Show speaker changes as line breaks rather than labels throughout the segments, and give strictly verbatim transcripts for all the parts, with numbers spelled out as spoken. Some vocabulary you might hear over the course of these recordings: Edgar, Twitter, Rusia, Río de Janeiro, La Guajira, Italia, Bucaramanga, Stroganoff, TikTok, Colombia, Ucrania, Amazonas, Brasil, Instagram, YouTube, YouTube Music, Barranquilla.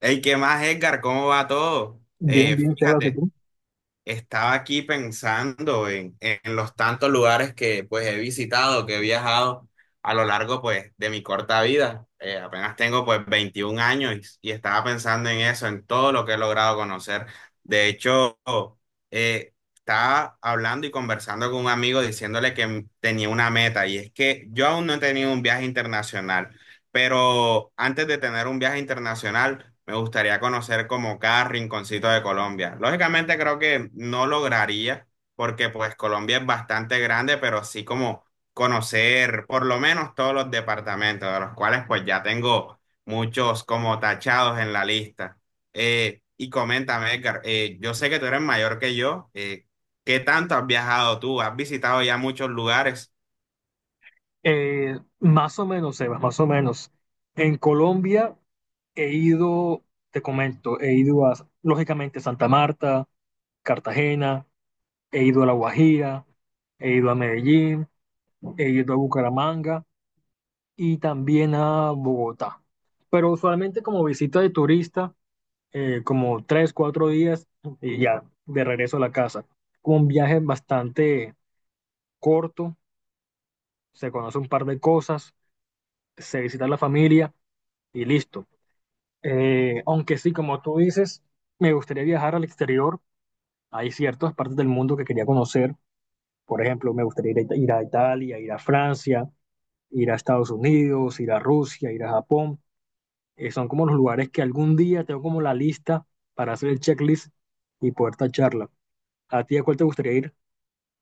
Hey, ¿qué más, Edgar? ¿Cómo va todo?
Bien,
Eh,
bien, Sebas, ¿y
fíjate,
tú?
estaba aquí pensando en, en los tantos lugares que pues he visitado, que he viajado a lo largo pues de mi corta vida. Eh, apenas tengo pues veintiún años y, y estaba pensando en eso, en todo lo que he logrado conocer. De hecho, eh, estaba hablando y conversando con un amigo diciéndole que tenía una meta y es que yo aún no he tenido un viaje internacional. Pero antes de tener un viaje internacional, me gustaría conocer como cada rinconcito de Colombia. Lógicamente creo que no lograría, porque pues Colombia es bastante grande, pero sí como conocer por lo menos todos los departamentos, de los cuales pues ya tengo muchos como tachados en la lista. Eh, y coméntame, Edgar, eh, yo sé que tú eres mayor que yo. Eh, ¿qué tanto has viajado tú? ¿Has visitado ya muchos lugares?
Eh, más o menos, Sebas, más o menos. En Colombia he ido, te comento, he ido a, lógicamente, Santa Marta, Cartagena, he ido a La Guajira, he ido a Medellín, he ido a Bucaramanga y también a Bogotá. Pero usualmente como visita de turista, eh, como tres, cuatro días y ya, de regreso a la casa. Como un viaje bastante corto, se conoce un par de cosas, se visita a la familia y listo. Eh, aunque sí, como tú dices, me gustaría viajar al exterior. Hay ciertas partes del mundo que quería conocer. Por ejemplo, me gustaría ir a, Ita- ir a Italia, ir a Francia, ir a Estados Unidos, ir a Rusia, ir a Japón. Eh, son como los lugares que algún día tengo como la lista para hacer el checklist y poder tacharla. ¿A ti a cuál te gustaría ir?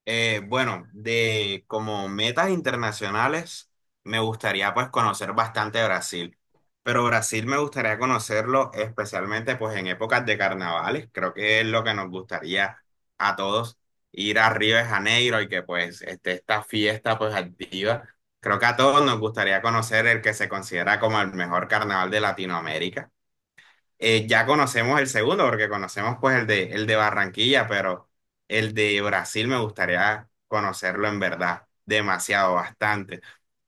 Eh, bueno, de como metas internacionales, me gustaría pues conocer bastante Brasil, pero Brasil me gustaría conocerlo especialmente pues en épocas de carnavales, creo que es lo que nos gustaría a todos, ir a Río de Janeiro y que pues esté esta fiesta pues activa. Creo que a todos nos gustaría conocer el que se considera como el mejor carnaval de Latinoamérica. Eh, ya conocemos el segundo, porque conocemos pues el de, el de Barranquilla, pero el de Brasil me gustaría conocerlo en verdad, demasiado, bastante.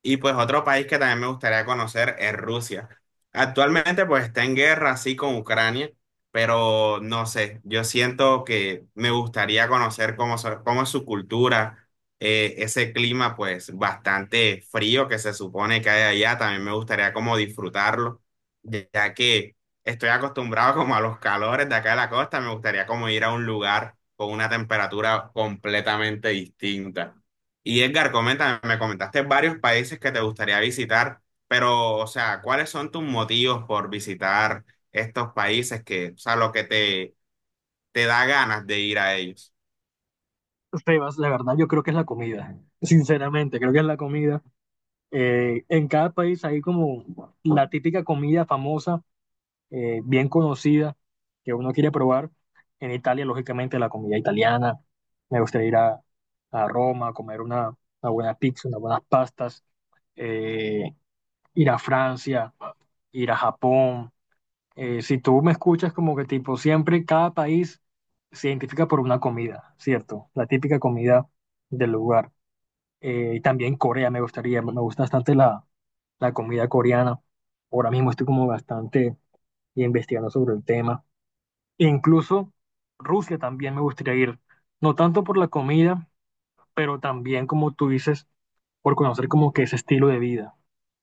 Y pues otro país que también me gustaría conocer es Rusia. Actualmente pues está en guerra así con Ucrania, pero no sé, yo siento que me gustaría conocer cómo, so- cómo es su cultura, eh, ese clima pues bastante frío que se supone que hay allá, también me gustaría como disfrutarlo, ya que estoy acostumbrado como a los calores de acá de la costa. Me gustaría como ir a un lugar con una temperatura completamente distinta. Y Edgar, comenta, me comentaste varios países que te gustaría visitar, pero, o sea, ¿cuáles son tus motivos por visitar estos países que, o sea, lo que te, te da ganas de ir a ellos?
Sebas, la verdad yo creo que es la comida. Sinceramente, creo que es la comida. Eh, en cada país hay como la típica comida famosa, eh, bien conocida, que uno quiere probar. En Italia, lógicamente, la comida italiana. Me gustaría ir a, a Roma a comer una, una buena pizza, unas buenas pastas, eh, ir a Francia, ir a Japón. Eh, si tú me escuchas, como que tipo, siempre cada país se identifica por una comida, ¿cierto? La típica comida del lugar. Eh, y también Corea me gustaría, me gusta bastante la, la comida coreana. Ahora mismo estoy como bastante investigando sobre el tema e incluso Rusia también me gustaría ir, no tanto por la comida, pero también, como tú dices, por conocer como que ese estilo de vida,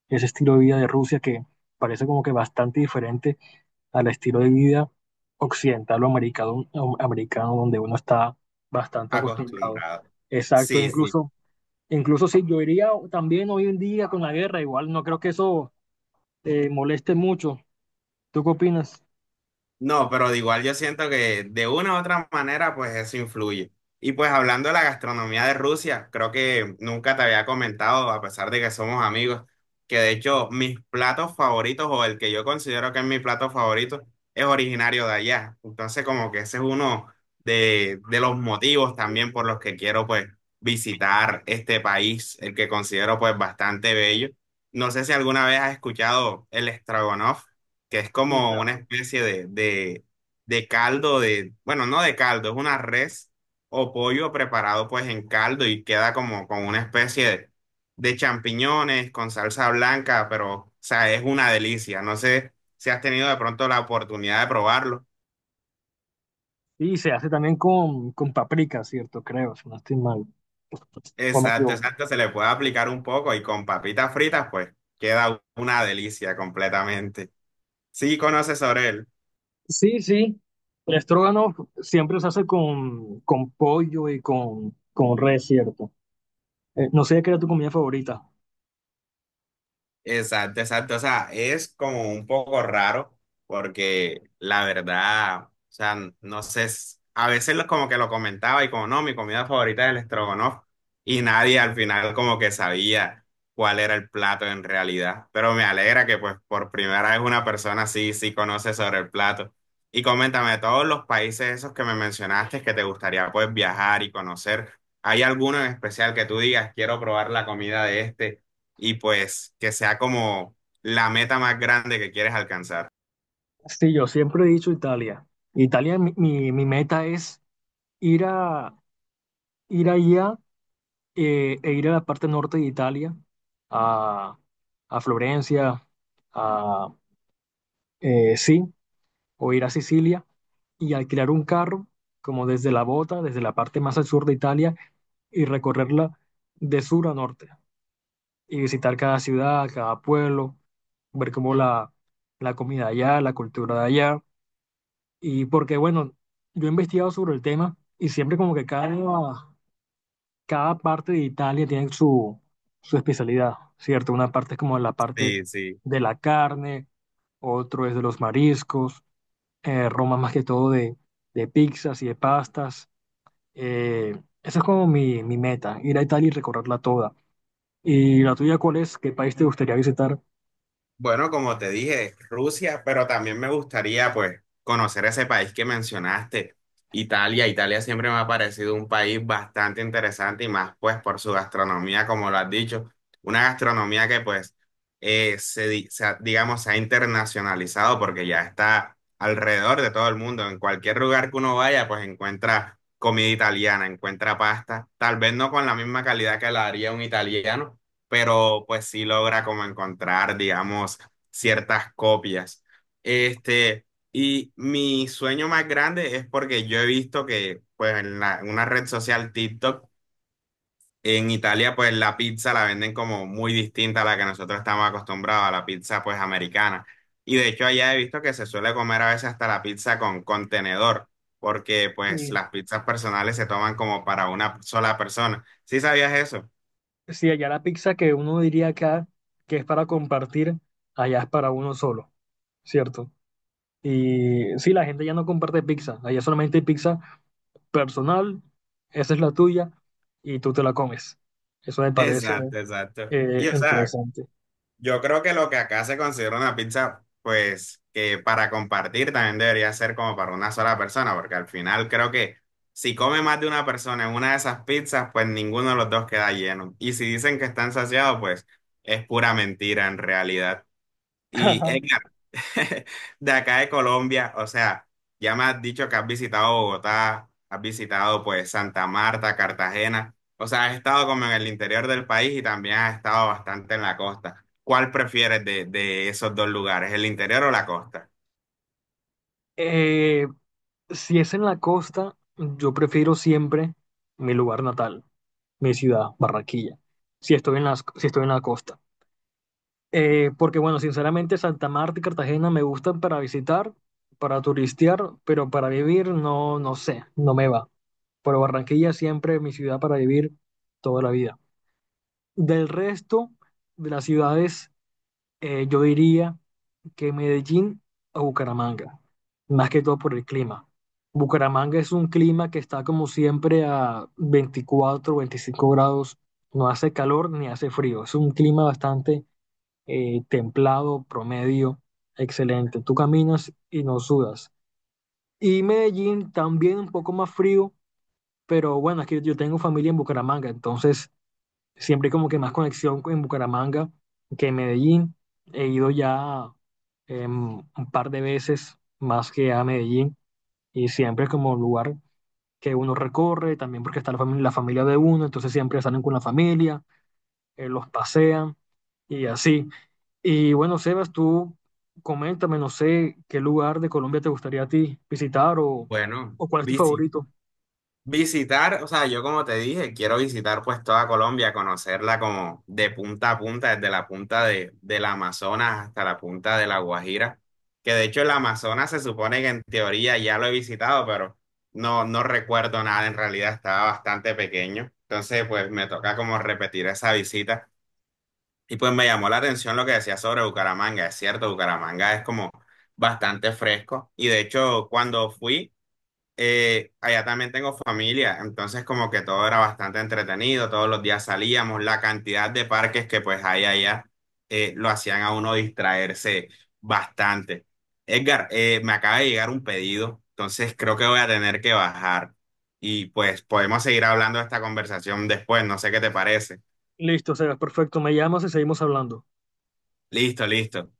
ese estilo de vida de Rusia que parece como que bastante diferente al estilo de vida occidental o americano, o americano donde uno está bastante acostumbrado.
Acostumbrado.
Exacto,
Sí, sí.
incluso, incluso si yo iría también hoy en día con la guerra, igual no creo que eso, eh, moleste mucho. ¿Tú qué opinas?
No, pero de igual yo siento que de una u otra manera pues eso influye. Y pues hablando de la gastronomía de Rusia, creo que nunca te había comentado, a pesar de que somos amigos, que de hecho mis platos favoritos o el que yo considero que es mi plato favorito es originario de allá. Entonces como que ese es uno de, de los motivos también por los que quiero pues visitar este país, el que considero pues bastante bello. No sé si alguna vez has escuchado el Stroganoff que es
Sí,
como una
claro.
especie de, de, de caldo de, bueno, no de caldo, es una res o pollo preparado pues en caldo y queda como con una especie de, de champiñones con salsa blanca, pero, o sea, es una delicia. No sé si has tenido de pronto la oportunidad de probarlo.
Y se hace también con, con paprika, ¿cierto? Creo, si no estoy mal. O me
Exacto,
equivoco.
exacto, se le puede aplicar un poco y con papitas fritas pues queda una delicia completamente. Sí, conoces sobre él.
Sí, sí. El estrógano siempre se hace con, con pollo y con, con res, ¿cierto? Eh, no sé qué era tu comida favorita.
Exacto, exacto. O sea, es como un poco raro porque la verdad, o sea, no sé, s- a veces lo- como que lo comentaba y como no, mi comida favorita es el estrogonofe y nadie al final como que sabía cuál era el plato en realidad. Pero me alegra que pues por primera vez una persona sí, sí conoce sobre el plato. Y coméntame, de todos los países esos que me mencionaste que te gustaría pues viajar y conocer, ¿hay alguno en especial que tú digas, quiero probar la comida de este? Y pues que sea como la meta más grande que quieres alcanzar.
Sí, yo siempre he dicho Italia. Italia, mi, mi, mi meta es ir a ir allá, eh, e ir a la parte norte de Italia, a, a Florencia, a, eh, sí, o ir a Sicilia y alquilar un carro, como desde la bota, desde la parte más al sur de Italia, y recorrerla de sur a norte, y visitar cada ciudad, cada pueblo, ver cómo la, la comida de allá, la cultura de allá, y porque, bueno, yo he investigado sobre el tema y siempre como que cada, cada parte de Italia tiene su, su especialidad, ¿cierto? Una parte es como la parte
Sí, sí.
de la carne, otro es de los mariscos, eh, Roma más que todo de, de pizzas y de pastas. Eh, Esa es como mi, mi meta, ir a Italia y recorrerla toda. ¿Y la tuya cuál es? ¿Qué país te gustaría visitar?
Bueno, como te dije, Rusia, pero también me gustaría pues conocer ese país que mencionaste, Italia. Italia siempre me ha parecido un país bastante interesante y más pues por su gastronomía, como lo has dicho, una gastronomía que pues eh, se, di- se ha- digamos se ha internacionalizado porque ya está alrededor de todo el mundo. En cualquier lugar que uno vaya pues encuentra comida italiana, encuentra pasta, tal vez no con la misma calidad que la haría un italiano pero pues sí logra como encontrar, digamos, ciertas copias. Este, y mi sueño más grande es porque yo he visto que pues en la- en una red social TikTok en Italia pues la pizza la venden como muy distinta a la que nosotros estamos acostumbrados, a la pizza pues americana. Y de hecho allá he visto que se suele comer a veces hasta la pizza con contenedor, porque pues
Sí,
las pizzas personales se toman como para una sola persona. ¿Sí sabías eso?
sí, allá la pizza que uno diría acá que es para compartir, allá es para uno solo, ¿cierto? Y sí, la gente ya no comparte pizza, allá solamente hay pizza personal, esa es la tuya y tú te la comes. Eso me parece,
Exacto, exacto.
eh,
Y o sea,
interesante.
yo creo que lo que acá se considera una pizza, pues que para compartir también debería ser como para una sola persona, porque al final creo que si come más de una persona en una de esas pizzas, pues ninguno de los dos queda lleno. Y si dicen que están saciados, pues es pura mentira en realidad. Y de acá de Colombia, o sea, ya me has dicho que has visitado Bogotá, has visitado pues Santa Marta, Cartagena, o sea, has estado como en el interior del país y también has estado bastante en la costa. ¿Cuál prefieres de, de esos dos lugares, el interior o la costa?
Eh, si es en la costa, yo prefiero siempre mi lugar natal, mi ciudad, Barranquilla, si estoy en las, si estoy en la costa. Eh, porque bueno, sinceramente Santa Marta y Cartagena me gustan para visitar, para turistear, pero para vivir no, no sé, no me va. Pero Barranquilla siempre mi ciudad para vivir toda la vida. Del resto de las ciudades, eh, yo diría que Medellín o Bucaramanga, más que todo por el clima. Bucaramanga es un clima que está como siempre a veinticuatro, veinticinco grados, no hace calor ni hace frío, es un clima bastante, eh, templado, promedio, excelente. Tú caminas y no sudas. Y Medellín también un poco más frío, pero bueno, aquí yo tengo familia en Bucaramanga, entonces siempre hay como que más conexión en Bucaramanga que en Medellín. He ido ya, em, un par de veces más que a Medellín, y siempre es como un lugar que uno recorre, también porque está la familia, la familia de uno, entonces siempre salen con la familia, eh, los pasean y así. Y bueno, Sebas, tú coméntame, no sé qué lugar de Colombia te gustaría a ti visitar, o,
Bueno,
o cuál es tu
bici.
favorito.
Visitar, o sea, yo como te dije, quiero visitar pues toda Colombia, conocerla como de punta a punta, desde la punta de, del Amazonas hasta la punta de La Guajira, que de hecho el Amazonas se supone que en teoría ya lo he visitado, pero no, no recuerdo nada, en realidad estaba bastante pequeño, entonces pues me toca como repetir esa visita y pues me llamó la atención lo que decía sobre Bucaramanga, es cierto, Bucaramanga es como bastante fresco y de hecho cuando fui eh, allá también tengo familia, entonces como que todo era bastante entretenido, todos los días salíamos, la cantidad de parques que pues hay allá eh, lo hacían a uno distraerse bastante. Edgar, eh, me acaba de llegar un pedido, entonces creo que voy a tener que bajar y pues podemos seguir hablando de esta conversación después, no sé qué te parece.
Listo, Sebas, perfecto, me llamas y seguimos hablando.
Listo, listo.